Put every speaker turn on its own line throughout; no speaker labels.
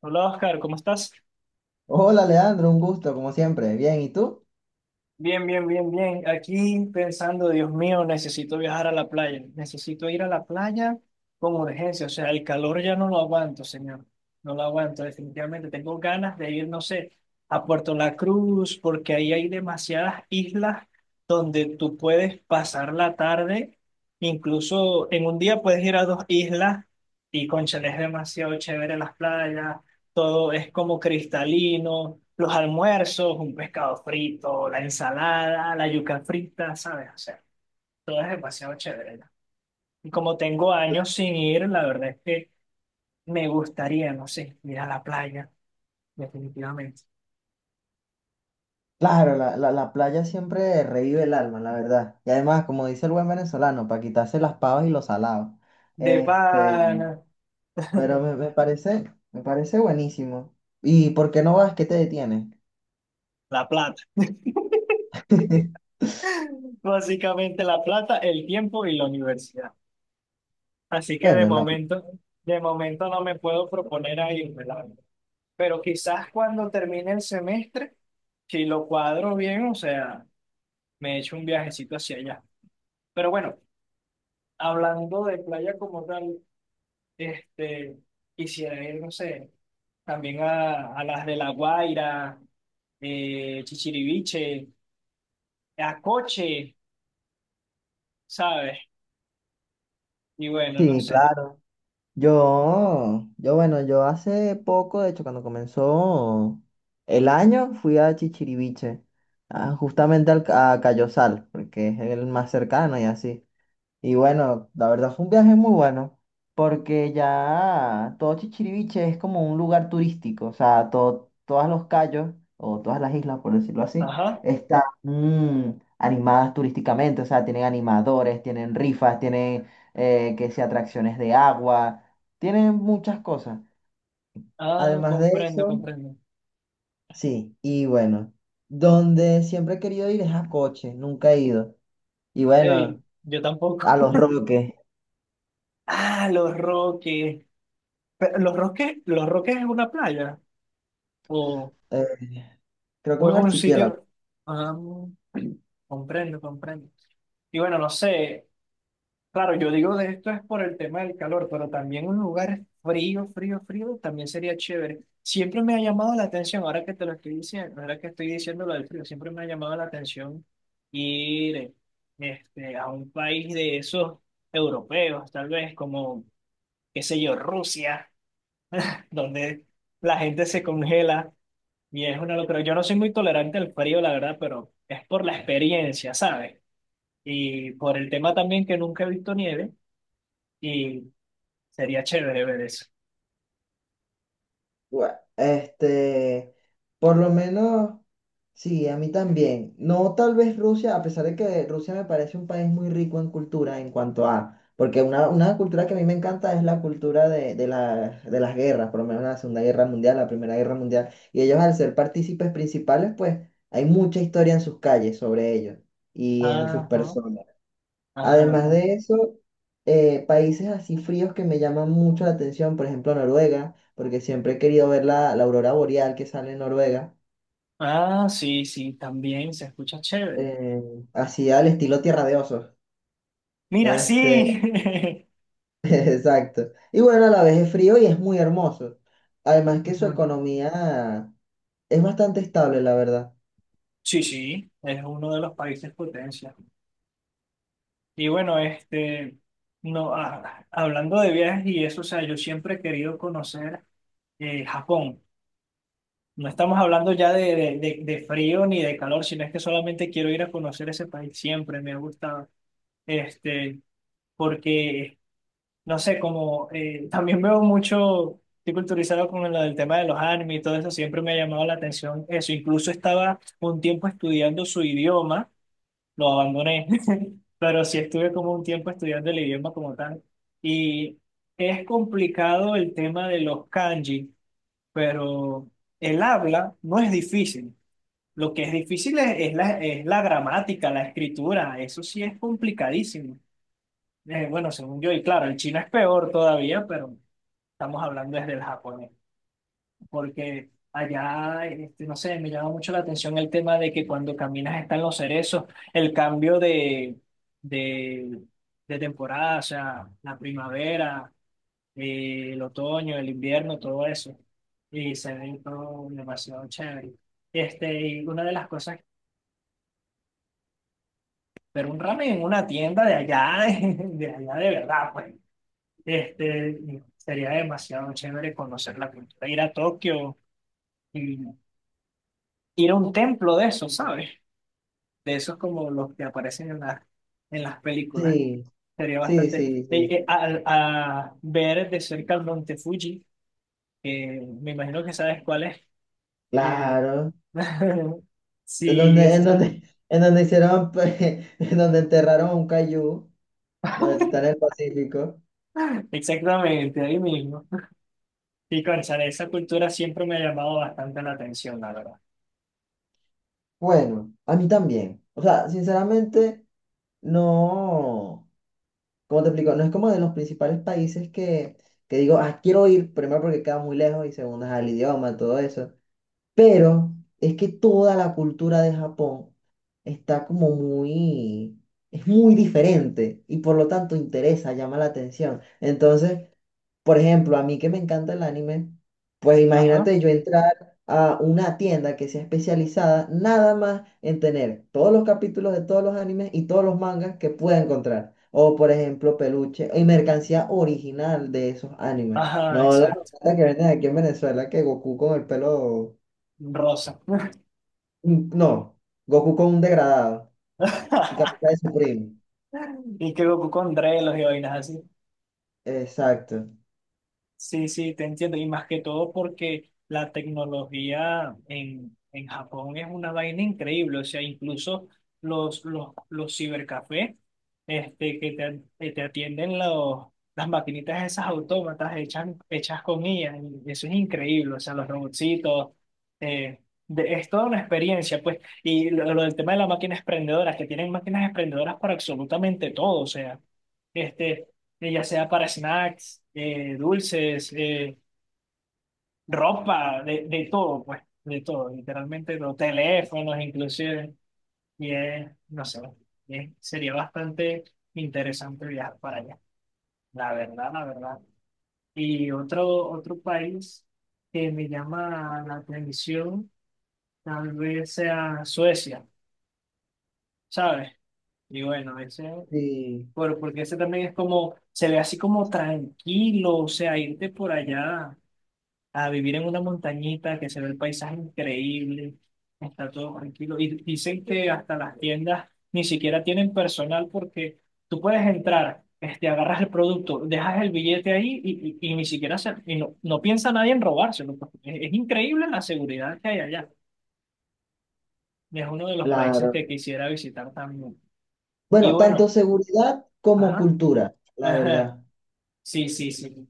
Hola Oscar, ¿cómo estás?
Hola Leandro, un gusto, como siempre. Bien, ¿y tú?
Bien, bien, bien, bien. Aquí pensando, Dios mío, necesito viajar a la playa. Necesito ir a la playa con urgencia. O sea, el calor ya no lo aguanto, señor. No lo aguanto, definitivamente. Tengo ganas de ir, no sé, a Puerto La Cruz, porque ahí hay demasiadas islas donde tú puedes pasar la tarde. Incluso en un día puedes ir a dos islas y, cónchale, es demasiado chévere las playas. Todo es como cristalino, los almuerzos, un pescado frito, la ensalada, la yuca frita, ¿sabes? O sea, todo es demasiado chévere, ¿no? Y como tengo años sin ir, la verdad es que me gustaría, no sé, ir a la playa, definitivamente.
Claro, la playa siempre revive el alma, la verdad. Y además, como dice el buen venezolano, para quitarse las pavas y los salados.
De
Este,
pana,
pero me parece, me parece buenísimo. ¿Y por qué no vas? ¿Qué te detiene?
la plata. Básicamente la plata, el tiempo y la universidad. Así que
Bueno, la-
de momento no me puedo proponer a irme, la verdad. Pero quizás cuando termine el semestre, si lo cuadro bien, o sea, me echo un viajecito hacia allá. Pero bueno, hablando de playa como tal, este, quisiera ir, no sé, también a las de La Guaira, Chichiriviche, a Coche, ¿sabes? Y bueno, no
sí,
sé.
claro. Bueno, yo hace poco, de hecho, cuando comenzó el año, fui a Chichiriviche, a- justamente al, ca- a Cayosal, porque es el más cercano y así. Y bueno, la verdad fue un viaje muy bueno, porque ya todo Chichiriviche es como un lugar turístico, o sea, todo, todos los cayos, o todas las islas, por decirlo así,
Ajá.
están animadas turísticamente, o sea, tienen animadores, tienen rifas, tienen, que sea atracciones de agua, tienen muchas cosas.
Ah,
Además de
comprendo,
eso,
comprendo.
sí, y bueno, donde siempre he querido ir es a Coche, nunca he ido. Y
Hey,
bueno,
yo tampoco.
a Los Roques,
Ah, Los Roques. Pero, ¿Los Roques, Los Roques es una playa? ¿O?
eh, creo que es
¿O es
un
un
archipiélago.
sitio? Ah, comprendo, comprendo. Y bueno, no sé. Claro, yo digo de esto es por el tema del calor, pero también un lugar frío, frío, frío también sería chévere. Siempre me ha llamado la atención, ahora que te lo estoy diciendo, ahora que estoy diciendo lo del frío, siempre me ha llamado la atención ir, a un país de esos europeos, tal vez como, qué sé yo, Rusia, donde la gente se congela. Y es una locura. Yo no soy muy tolerante al frío, la verdad, pero es por la experiencia, ¿sabes? Y por el tema también que nunca he visto nieve y sería chévere ver eso.
Bueno, por lo menos, sí, a mí también. No tal vez Rusia, a pesar de que Rusia me parece un país muy rico en cultura en cuanto a, porque una cultura que a mí me encanta es la cultura de, la- de las guerras, por lo menos la Segunda Guerra Mundial, la Primera Guerra Mundial, y ellos al ser partícipes principales, pues hay mucha historia en sus calles sobre ellos y en sus
Ajá,
personas.
ajá,
Además
ajá.
de eso, países así fríos que me llaman mucho la atención, por ejemplo Noruega, porque siempre he querido ver la aurora boreal que sale en Noruega,
Ah, sí, sí, también se escucha chévere.
eh, así al estilo Tierra de Osos.
Mira,
Este,
sí.
exacto. Y bueno, a la vez es frío y es muy hermoso. Además que su
Ujú.
economía es bastante estable, la verdad.
Sí, sí, es uno de los países potencia. Y bueno, no, ah, hablando de viajes y eso, o sea, yo siempre he querido conocer, Japón. No estamos hablando ya de, de frío ni de calor, sino es que solamente quiero ir a conocer ese país, siempre me ha gustado. Este, porque, no sé, como también veo mucho, estoy culturizado con lo del tema de los anime y todo eso, siempre me ha llamado la atención eso. Incluso estaba un tiempo estudiando su idioma, lo abandoné, pero sí estuve como un tiempo estudiando el idioma como tal. Y es complicado el tema de los kanji, pero el habla no es difícil. Lo que es difícil es la gramática, la escritura, eso sí es complicadísimo. Bueno, según yo, y claro, el chino es peor todavía, pero estamos hablando desde el japonés, porque allá, no sé, me llama mucho la atención el tema de que cuando caminas están los cerezos, el cambio de, de temporada, o sea, la primavera, el otoño, el invierno, todo eso, y se ve todo demasiado chévere. Este, y una de las cosas. Pero un ramen en una tienda de allá, de allá de verdad, pues. Sería demasiado chévere conocer la cultura, ir a Tokio y ir a un templo de eso, ¿sabes? De esos como los que aparecen en las películas.
Sí,
Sería
sí,
bastante...
sí, sí.
ver de cerca el monte Fuji, que me imagino que sabes cuál es. Eh,
Claro. En
sí,
donde, en donde, en donde hicieron, pues, en donde enterraron a un cayú, donde está en el Pacífico.
exactamente, ahí mismo. Y cónchale, esa cultura siempre me ha llamado bastante la atención, la verdad.
Bueno, a mí también. O sea, sinceramente, no, como te explico, no es como de los principales países que digo, ah, quiero ir, primero porque queda muy lejos y segundo, es al idioma, todo eso. Pero es que toda la cultura de Japón está como muy, es muy diferente y por lo tanto interesa, llama la atención. Entonces, por ejemplo, a mí que me encanta el anime, pues
Ajá.
imagínate yo entrar a una tienda que sea especializada nada más en tener todos los capítulos de todos los animes y todos los mangas que pueda encontrar. O por ejemplo, peluche y mercancía original de esos animes.
Ajá,
No la
exacto.
plata que venden aquí en Venezuela, que Goku con el pelo...
Rosa.
No, Goku con un degradado y Capitán de su primo.
Y que Goku con drelos y vainas así.
Exacto.
Sí, sí, te entiendo. Y más que todo porque la tecnología en Japón es una vaina increíble. O sea, incluso los cibercafés, que te atienden los, las maquinitas esas autómatas hechas, hechas con IA. Y eso es increíble. O sea, los robotcitos. eh, es toda una experiencia, pues. Y lo del tema de las máquinas expendedoras, que tienen máquinas expendedoras para absolutamente todo. O sea. Este, ya sea para snacks, dulces, ropa, de todo, pues, de todo, literalmente, los teléfonos inclusive, y es, no sé, sería bastante interesante viajar para allá, la verdad, la verdad. Y otro, otro país que me llama la atención, tal vez sea Suecia, ¿sabes? Y bueno, ese...
Sí,
Por, porque ese también es como, se ve así como tranquilo, o sea, irte por allá a vivir en una montañita que se ve el paisaje increíble, está todo tranquilo. Y dicen que hasta las tiendas ni siquiera tienen personal porque tú puedes entrar, agarras el producto, dejas el billete ahí y ni siquiera se, y no, no piensa nadie en robárselo, pues. Es increíble la seguridad que hay allá. Es uno de los países
claro.
que quisiera visitar también. Y
Bueno, tanto
bueno,
seguridad como
ajá,
cultura, la
ajá,
verdad.
sí, sí, sí,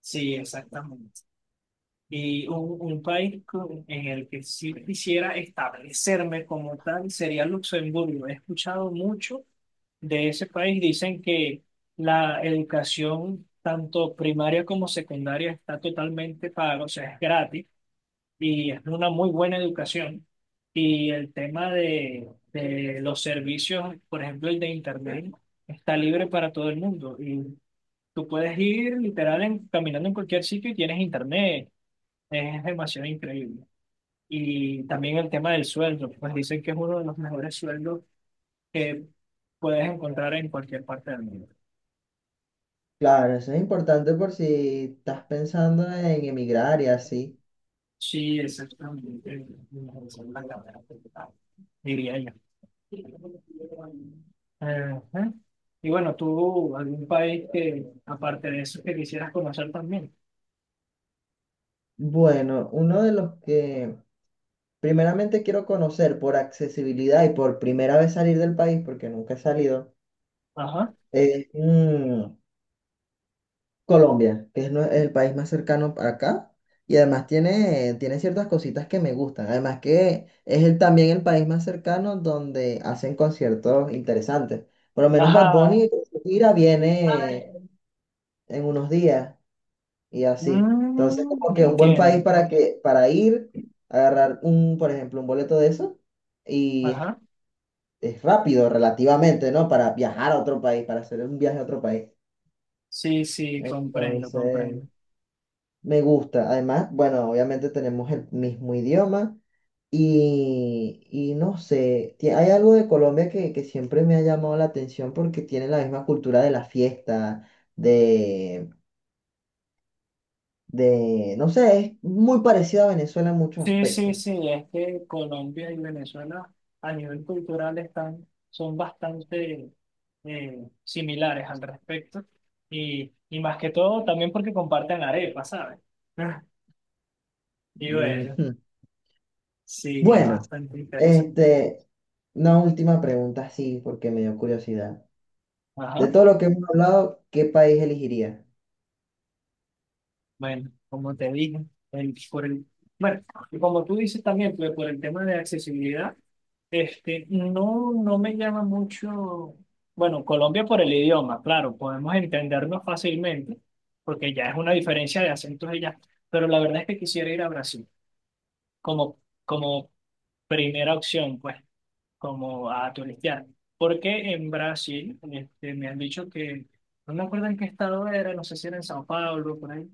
sí, exactamente. Y un país en el que sí quisiera establecerme como tal sería Luxemburgo. He escuchado mucho de ese país. Dicen que la educación, tanto primaria como secundaria, está totalmente paga, o sea, es gratis y es una muy buena educación. Y el tema de los servicios, por ejemplo, el de Internet, está libre para todo el mundo. Y tú puedes ir literal caminando en cualquier sitio y tienes Internet, es demasiado increíble. Y también el tema del sueldo, pues dicen que es uno de los mejores sueldos que puedes encontrar en cualquier parte del mundo.
Claro, eso es importante por si estás pensando en emigrar y así.
Sí, exactamente. El mejor sueldo en la verdad, diría yo. Ajá. Y bueno, tú, algún país que, aparte de eso, que quisieras conocer también.
Bueno, uno de los que primeramente quiero conocer por accesibilidad y por primera vez salir del país, porque nunca he salido,
Ajá.
es Colombia, que es, nue- el país más cercano para acá. Y además tiene, tiene ciertas cositas que me gustan. Además que es el, también el país más cercano donde hacen conciertos interesantes. Por lo menos Bad
Ajá.
Bunny, su gira viene en unos días. Y así. Entonces,
Mm,
como que un buen país
entiendo.
para que, para ir, agarrar un, por ejemplo, un boleto de eso, y
Ajá.
es rápido relativamente, ¿no? Para viajar a otro país, para hacer un viaje a otro país.
Sí, sí, comprendo,
Entonces,
comprendo.
me gusta. Además, bueno, obviamente tenemos el mismo idioma y no sé, ti- hay algo de Colombia que siempre me ha llamado la atención porque tiene la misma cultura de la fiesta, de, de, no sé, es muy parecido a Venezuela en muchos
Sí, sí,
aspectos.
sí, es que Colombia y Venezuela a nivel cultural están, son bastante similares al respecto y más que todo también porque comparten arepa, ¿sabes? Y bueno,
Ujú.
sí, es
Bueno,
bastante interesante.
este, una última pregunta, sí, porque me dio curiosidad. De
Ajá,
todo lo que hemos hablado, ¿qué país elegiría?
bueno, como te dije, por el, bueno, y como tú dices también, pues, por el tema de accesibilidad. No, no me llama mucho, bueno, Colombia por el idioma, claro, podemos entendernos fácilmente, porque ya es una diferencia de acentos y ya, pero la verdad es que quisiera ir a Brasil como, como primera opción, pues, como a turistear, porque en Brasil, me han dicho que, no me acuerdo en qué estado era, no sé si era en Sao Paulo, por ahí,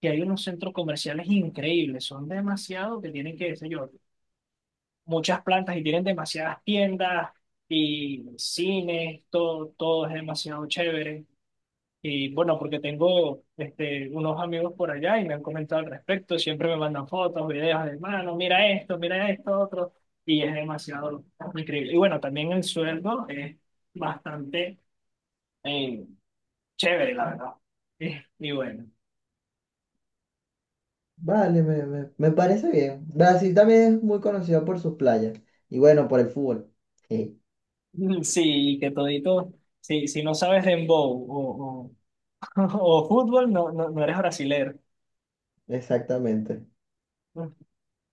que hay unos centros comerciales increíbles, son demasiados que tienen que, qué sé yo, muchas plantas y tienen demasiadas tiendas y cines, todo, todo es demasiado chévere. Y bueno, porque tengo unos amigos por allá y me han comentado al respecto, siempre me mandan fotos, videos de, mano, mira esto, otro, y es demasiado increíble. Y bueno, también el sueldo es bastante eh, chévere, la verdad. Y bueno,
Vale, me parece bien. Brasil también es muy conocido por sus playas y bueno, por el fútbol. Sí,
sí, que todito, sí, si no sabes dembow o, o fútbol, no, no, no eres brasilero.
exactamente.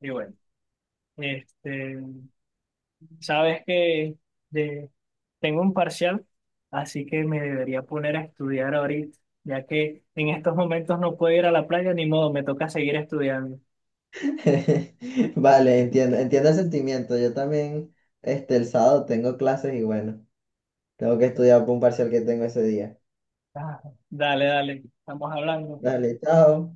Y bueno, este, sabes que de- tengo un parcial, así que me debería poner a estudiar ahorita, ya que en estos momentos no puedo ir a la playa, ni modo, me toca seguir estudiando.
Vale, entiendo, entiendo el sentimiento. Yo también, el sábado tengo clases y bueno, tengo que estudiar para un parcial que tengo ese día.
Ah, dale, dale, estamos hablando.
Dale, chao.